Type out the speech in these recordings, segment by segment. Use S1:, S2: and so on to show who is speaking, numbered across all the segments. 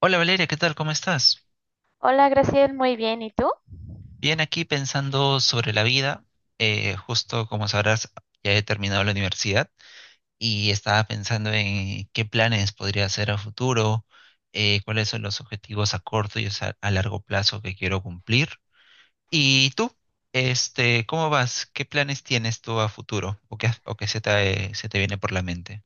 S1: Hola Valeria, ¿qué tal? ¿Cómo estás?
S2: Hola, Graciel, muy bien. ¿Y tú?
S1: Bien, aquí pensando sobre la vida. Justo como sabrás, ya he terminado la universidad y estaba pensando en qué planes podría hacer a futuro, cuáles son los objetivos a corto y a largo plazo que quiero cumplir. ¿Y tú? Este, ¿cómo vas? ¿Qué planes tienes tú a futuro o qué se te viene por la mente?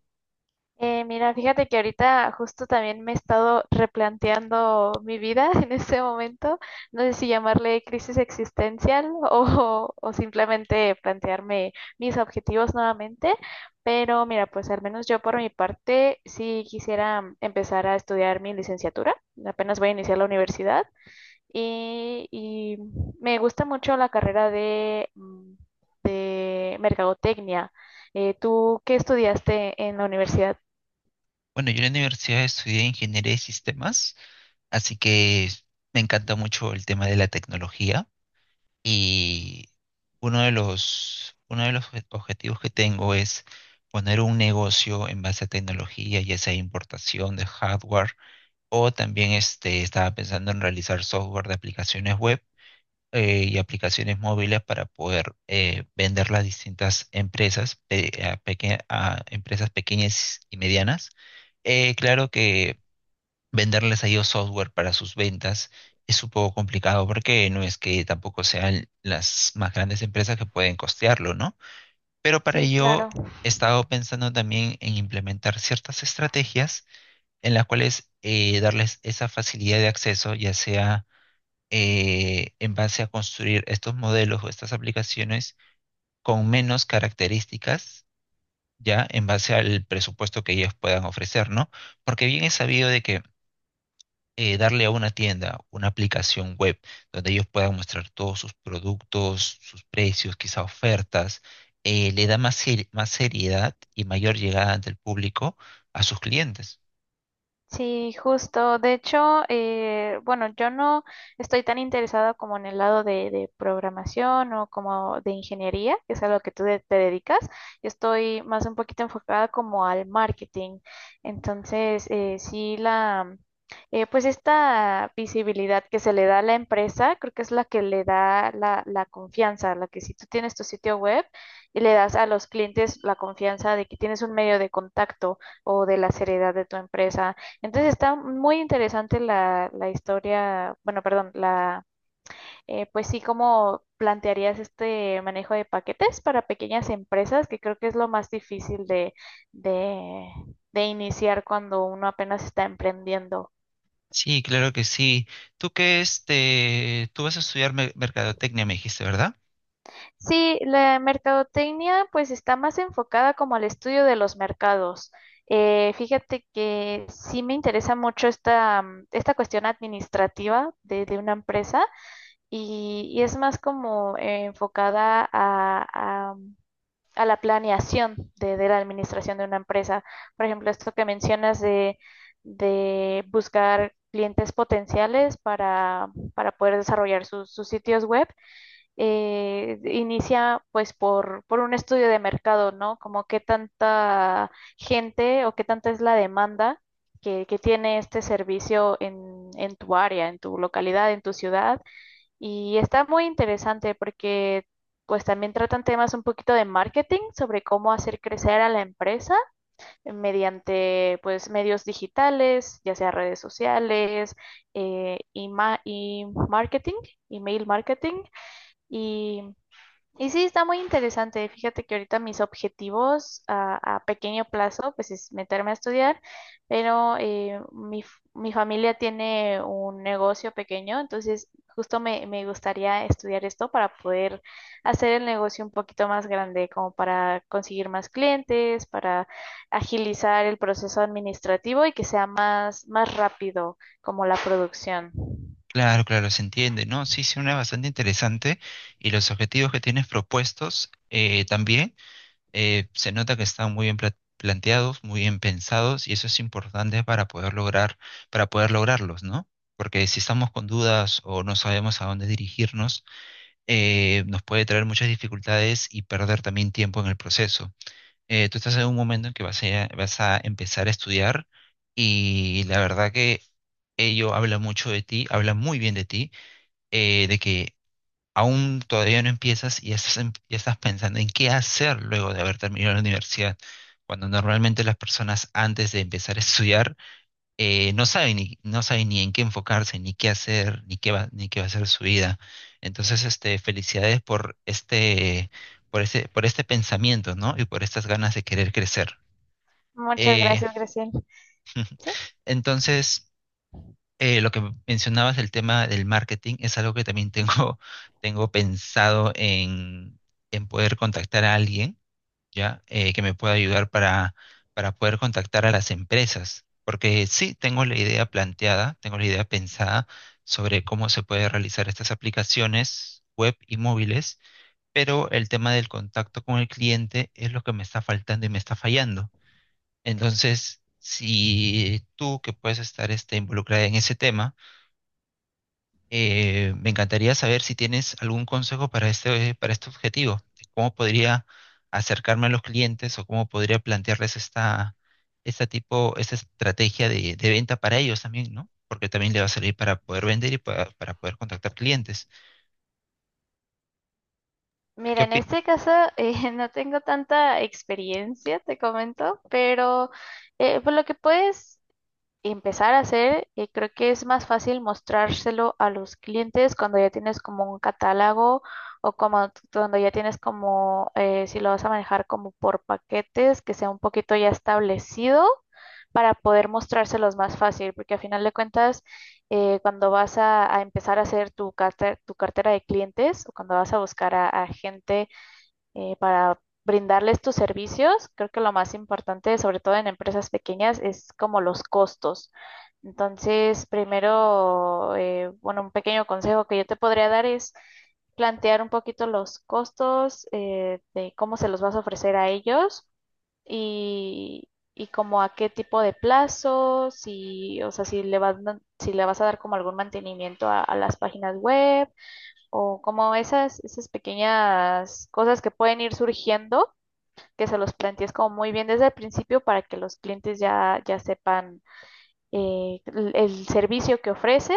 S2: Mira, fíjate que ahorita justo también me he estado replanteando mi vida en este momento. No sé si llamarle crisis existencial o simplemente plantearme mis objetivos nuevamente. Pero mira, pues al menos yo por mi parte sí quisiera empezar a estudiar mi licenciatura. Apenas voy a iniciar la universidad. Y me gusta mucho la carrera de de mercadotecnia. ¿Tú qué estudiaste en la universidad?
S1: Bueno, yo en la universidad estudié ingeniería de sistemas, así que me encanta mucho el tema de la tecnología. Y uno de los obje- objetivos que tengo es poner un negocio en base a tecnología, ya sea importación de hardware, o también estaba pensando en realizar software de aplicaciones web y aplicaciones móviles para poder venderlas a distintas empresas, a empresas pequeñas y medianas. Claro que venderles a ellos software para sus ventas es un poco complicado porque no es que tampoco sean las más grandes empresas que pueden costearlo, ¿no? Pero para
S2: Sí,
S1: ello
S2: claro.
S1: he estado pensando también en implementar ciertas estrategias en las cuales darles esa facilidad de acceso, ya sea en base a construir estos modelos o estas aplicaciones con menos características, ya en base al presupuesto que ellos puedan ofrecer, ¿no? Porque bien es sabido de que darle a una tienda una aplicación web donde ellos puedan mostrar todos sus productos, sus precios, quizá ofertas, le da más, más seriedad y mayor llegada ante el público a sus clientes.
S2: Sí, justo. De hecho, bueno, yo no estoy tan interesada como en el lado de programación o como de ingeniería, que es a lo que tú te dedicas. Yo estoy más un poquito enfocada como al marketing. Entonces, sí, la, pues esta visibilidad que se le da a la empresa, creo que es la que le da la confianza, la que si tú tienes tu sitio web y le das a los clientes la confianza de que tienes un medio de contacto o de la seriedad de tu empresa. Entonces está muy interesante la historia, bueno, perdón, pues sí, cómo plantearías este manejo de paquetes para pequeñas empresas, que creo que es lo más difícil de, de iniciar cuando uno apenas está emprendiendo.
S1: Sí, claro que sí. Tú vas a estudiar mercadotecnia, me dijiste, ¿verdad?
S2: Sí, la mercadotecnia pues está más enfocada como al estudio de los mercados. Fíjate que sí me interesa mucho esta esta cuestión administrativa de una empresa y es más como enfocada a la planeación de la administración de una empresa. Por ejemplo, esto que mencionas de buscar clientes potenciales para poder desarrollar sus sitios web, inicia pues por un estudio de mercado, ¿no? Como qué tanta gente o qué tanta es la demanda que tiene este servicio en tu área, en tu localidad, en tu ciudad y está muy interesante porque pues también tratan temas un poquito de marketing sobre cómo hacer crecer a la empresa mediante pues medios digitales, ya sea redes sociales, y marketing, email marketing. Y y sí, está muy interesante. Fíjate que ahorita mis objetivos a pequeño plazo, pues es meterme a estudiar, pero mi familia tiene un negocio pequeño, entonces justo me gustaría estudiar esto para poder hacer el negocio un poquito más grande, como para conseguir más clientes, para agilizar el proceso administrativo y que sea más rápido como la producción.
S1: Claro, claro, se entiende, ¿no? Sí, sí, una bastante interesante. Y los objetivos que tienes propuestos también. Se nota que están muy bien planteados, muy bien pensados, y eso es importante para poder lograr, para poder lograrlos, ¿no? Porque si estamos con dudas o no sabemos a dónde dirigirnos, nos puede traer muchas dificultades y perder también tiempo en el proceso. Tú estás en un momento en que vas a empezar a estudiar y la verdad que ello habla mucho de ti, habla muy bien de ti, de que aún todavía no empiezas y ya estás, ya estás pensando en qué hacer luego de haber terminado la universidad, cuando normalmente las personas antes de empezar a estudiar no saben ni en qué enfocarse, ni qué hacer, ni qué va a ser su vida. Entonces, felicidades por este pensamiento, ¿no? Y por estas ganas de querer crecer.
S2: Muchas
S1: Eh,
S2: gracias, Graciela. Sí.
S1: entonces, lo que mencionabas del tema del marketing es algo que también tengo, tengo pensado en, poder contactar a alguien, ¿ya? Que me pueda ayudar para poder contactar a las empresas. Porque sí, tengo la idea planteada, tengo la idea pensada sobre cómo se puede realizar estas aplicaciones web y móviles, pero el tema del contacto con el cliente es lo que me está faltando y me está fallando. Entonces, si tú que puedes estar involucrada en ese tema, me encantaría saber si tienes algún consejo para este, objetivo, de cómo podría acercarme a los clientes o cómo podría plantearles esta estrategia de venta para ellos también, ¿no? Porque también le va a servir para poder vender y para poder contactar clientes. ¿Qué
S2: Mira, en
S1: opi-
S2: este caso no tengo tanta experiencia, te comento, pero por lo que puedes empezar a hacer, creo que es más fácil mostrárselo a los clientes cuando ya tienes como un catálogo o como cuando ya tienes como, si lo vas a manejar como por paquetes, que sea un poquito ya establecido para poder mostrárselos más fácil, porque a final de cuentas cuando vas a empezar a hacer tu cartera de clientes o cuando vas a buscar a gente para brindarles tus servicios, creo que lo más importante, sobre todo en empresas pequeñas, es como los costos. Entonces, primero, bueno, un pequeño consejo que yo te podría dar es plantear un poquito los costos, de cómo se los vas a ofrecer a ellos y, y como a qué tipo de plazo, si, o sea, si le vas a dar como algún mantenimiento a las páginas web o como esas pequeñas cosas que pueden ir surgiendo, que se los plantees como muy bien desde el principio para que los clientes ya, ya sepan el servicio que ofreces,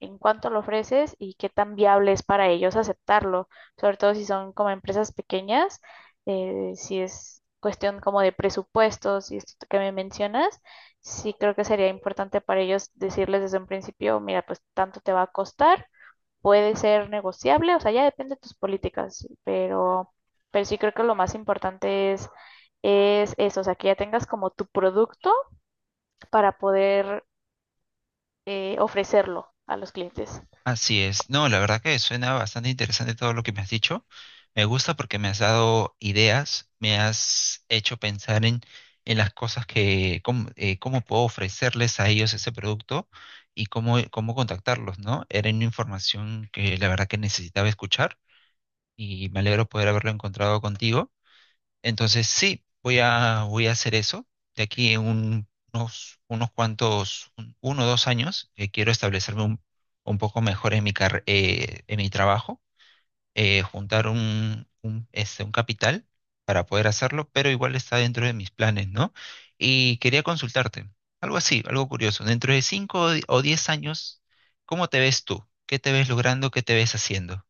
S2: en cuánto lo ofreces y qué tan viable es para ellos aceptarlo, sobre todo si son como empresas pequeñas, si es cuestión como de presupuestos y esto que me mencionas, sí creo que sería importante para ellos decirles desde un principio, mira, pues tanto te va a costar, puede ser negociable, o sea, ya depende de tus políticas, pero sí creo que lo más importante es eso, o sea, que ya tengas como tu producto para poder ofrecerlo a los clientes.
S1: Así es. No, la verdad que suena bastante interesante todo lo que me has dicho. Me gusta porque me has dado ideas, me has hecho pensar en las cosas cómo puedo ofrecerles a ellos ese producto y cómo, cómo contactarlos, ¿no? Era una información que la verdad que necesitaba escuchar y me alegro poder haberlo encontrado contigo. Entonces sí, voy a hacer eso. De aquí en unos cuantos, uno o 2 años, quiero establecerme un poco mejor en mi trabajo, juntar un capital para poder hacerlo, pero igual está dentro de mis planes, ¿no? Y quería consultarte, algo así, algo curioso. Dentro de cinco o 10 años, ¿cómo te ves tú? ¿Qué te ves logrando? ¿Qué te ves haciendo?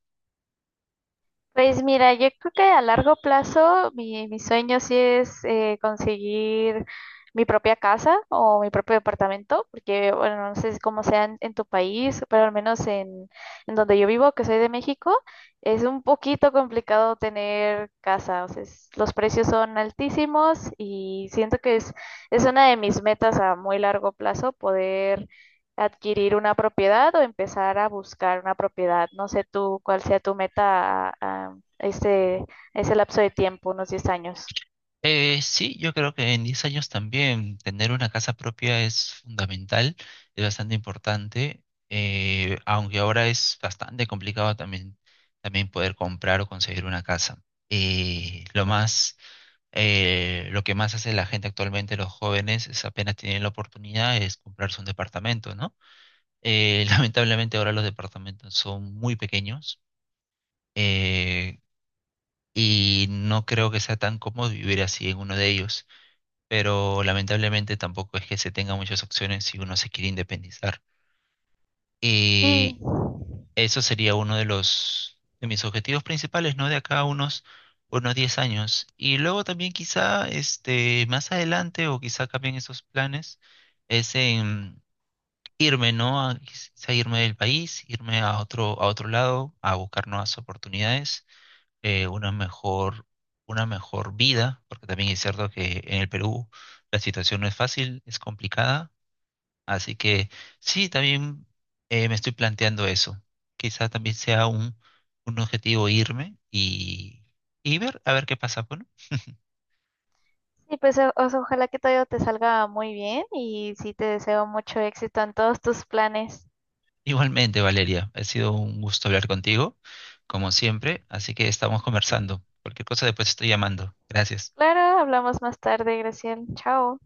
S2: Pues mira, yo creo que a largo plazo mi sueño sí es conseguir mi propia casa o mi propio departamento, porque bueno, no sé cómo sea en tu país, pero al menos en donde yo vivo, que soy de México, es un poquito complicado tener casa, o sea, los precios son altísimos y siento que es una de mis metas a muy largo plazo poder adquirir una propiedad o empezar a buscar una propiedad. No sé tú cuál sea tu meta a ese, ese lapso de tiempo, unos 10 años.
S1: Sí, yo creo que en 10 años también tener una casa propia es fundamental, es bastante importante, aunque ahora es bastante complicado también, también poder comprar o conseguir una casa. Eh, lo más, lo que más hace la gente actualmente, los jóvenes, es apenas tienen la oportunidad, es comprarse un departamento, ¿no? Lamentablemente ahora los departamentos son muy pequeños, eh, y no creo que sea tan cómodo vivir así en uno de ellos pero lamentablemente tampoco es que se tenga muchas opciones si uno se quiere independizar.
S2: Sí,
S1: Y eso sería uno de los de mis objetivos principales, ¿no? De acá a unos 10 años. Y luego también quizá este más adelante o quizá cambien esos planes es en irme, ¿no? A, quizá irme del país, irme a otro lado a buscar nuevas oportunidades eh, una mejor, una mejor vida, porque también es cierto que en el Perú la situación no es fácil, es complicada, así que sí, también me estoy planteando eso. Quizá también sea un objetivo irme y ver, a ver qué pasa. Bueno,
S2: sí, pues o sea, ojalá que todo te salga muy bien y sí te deseo mucho éxito en todos tus planes.
S1: igualmente, Valeria, ha sido un gusto hablar contigo, como siempre, así que estamos conversando. Cualquier cosa después estoy llamando. Gracias.
S2: Claro, hablamos más tarde, Graciela. Chao.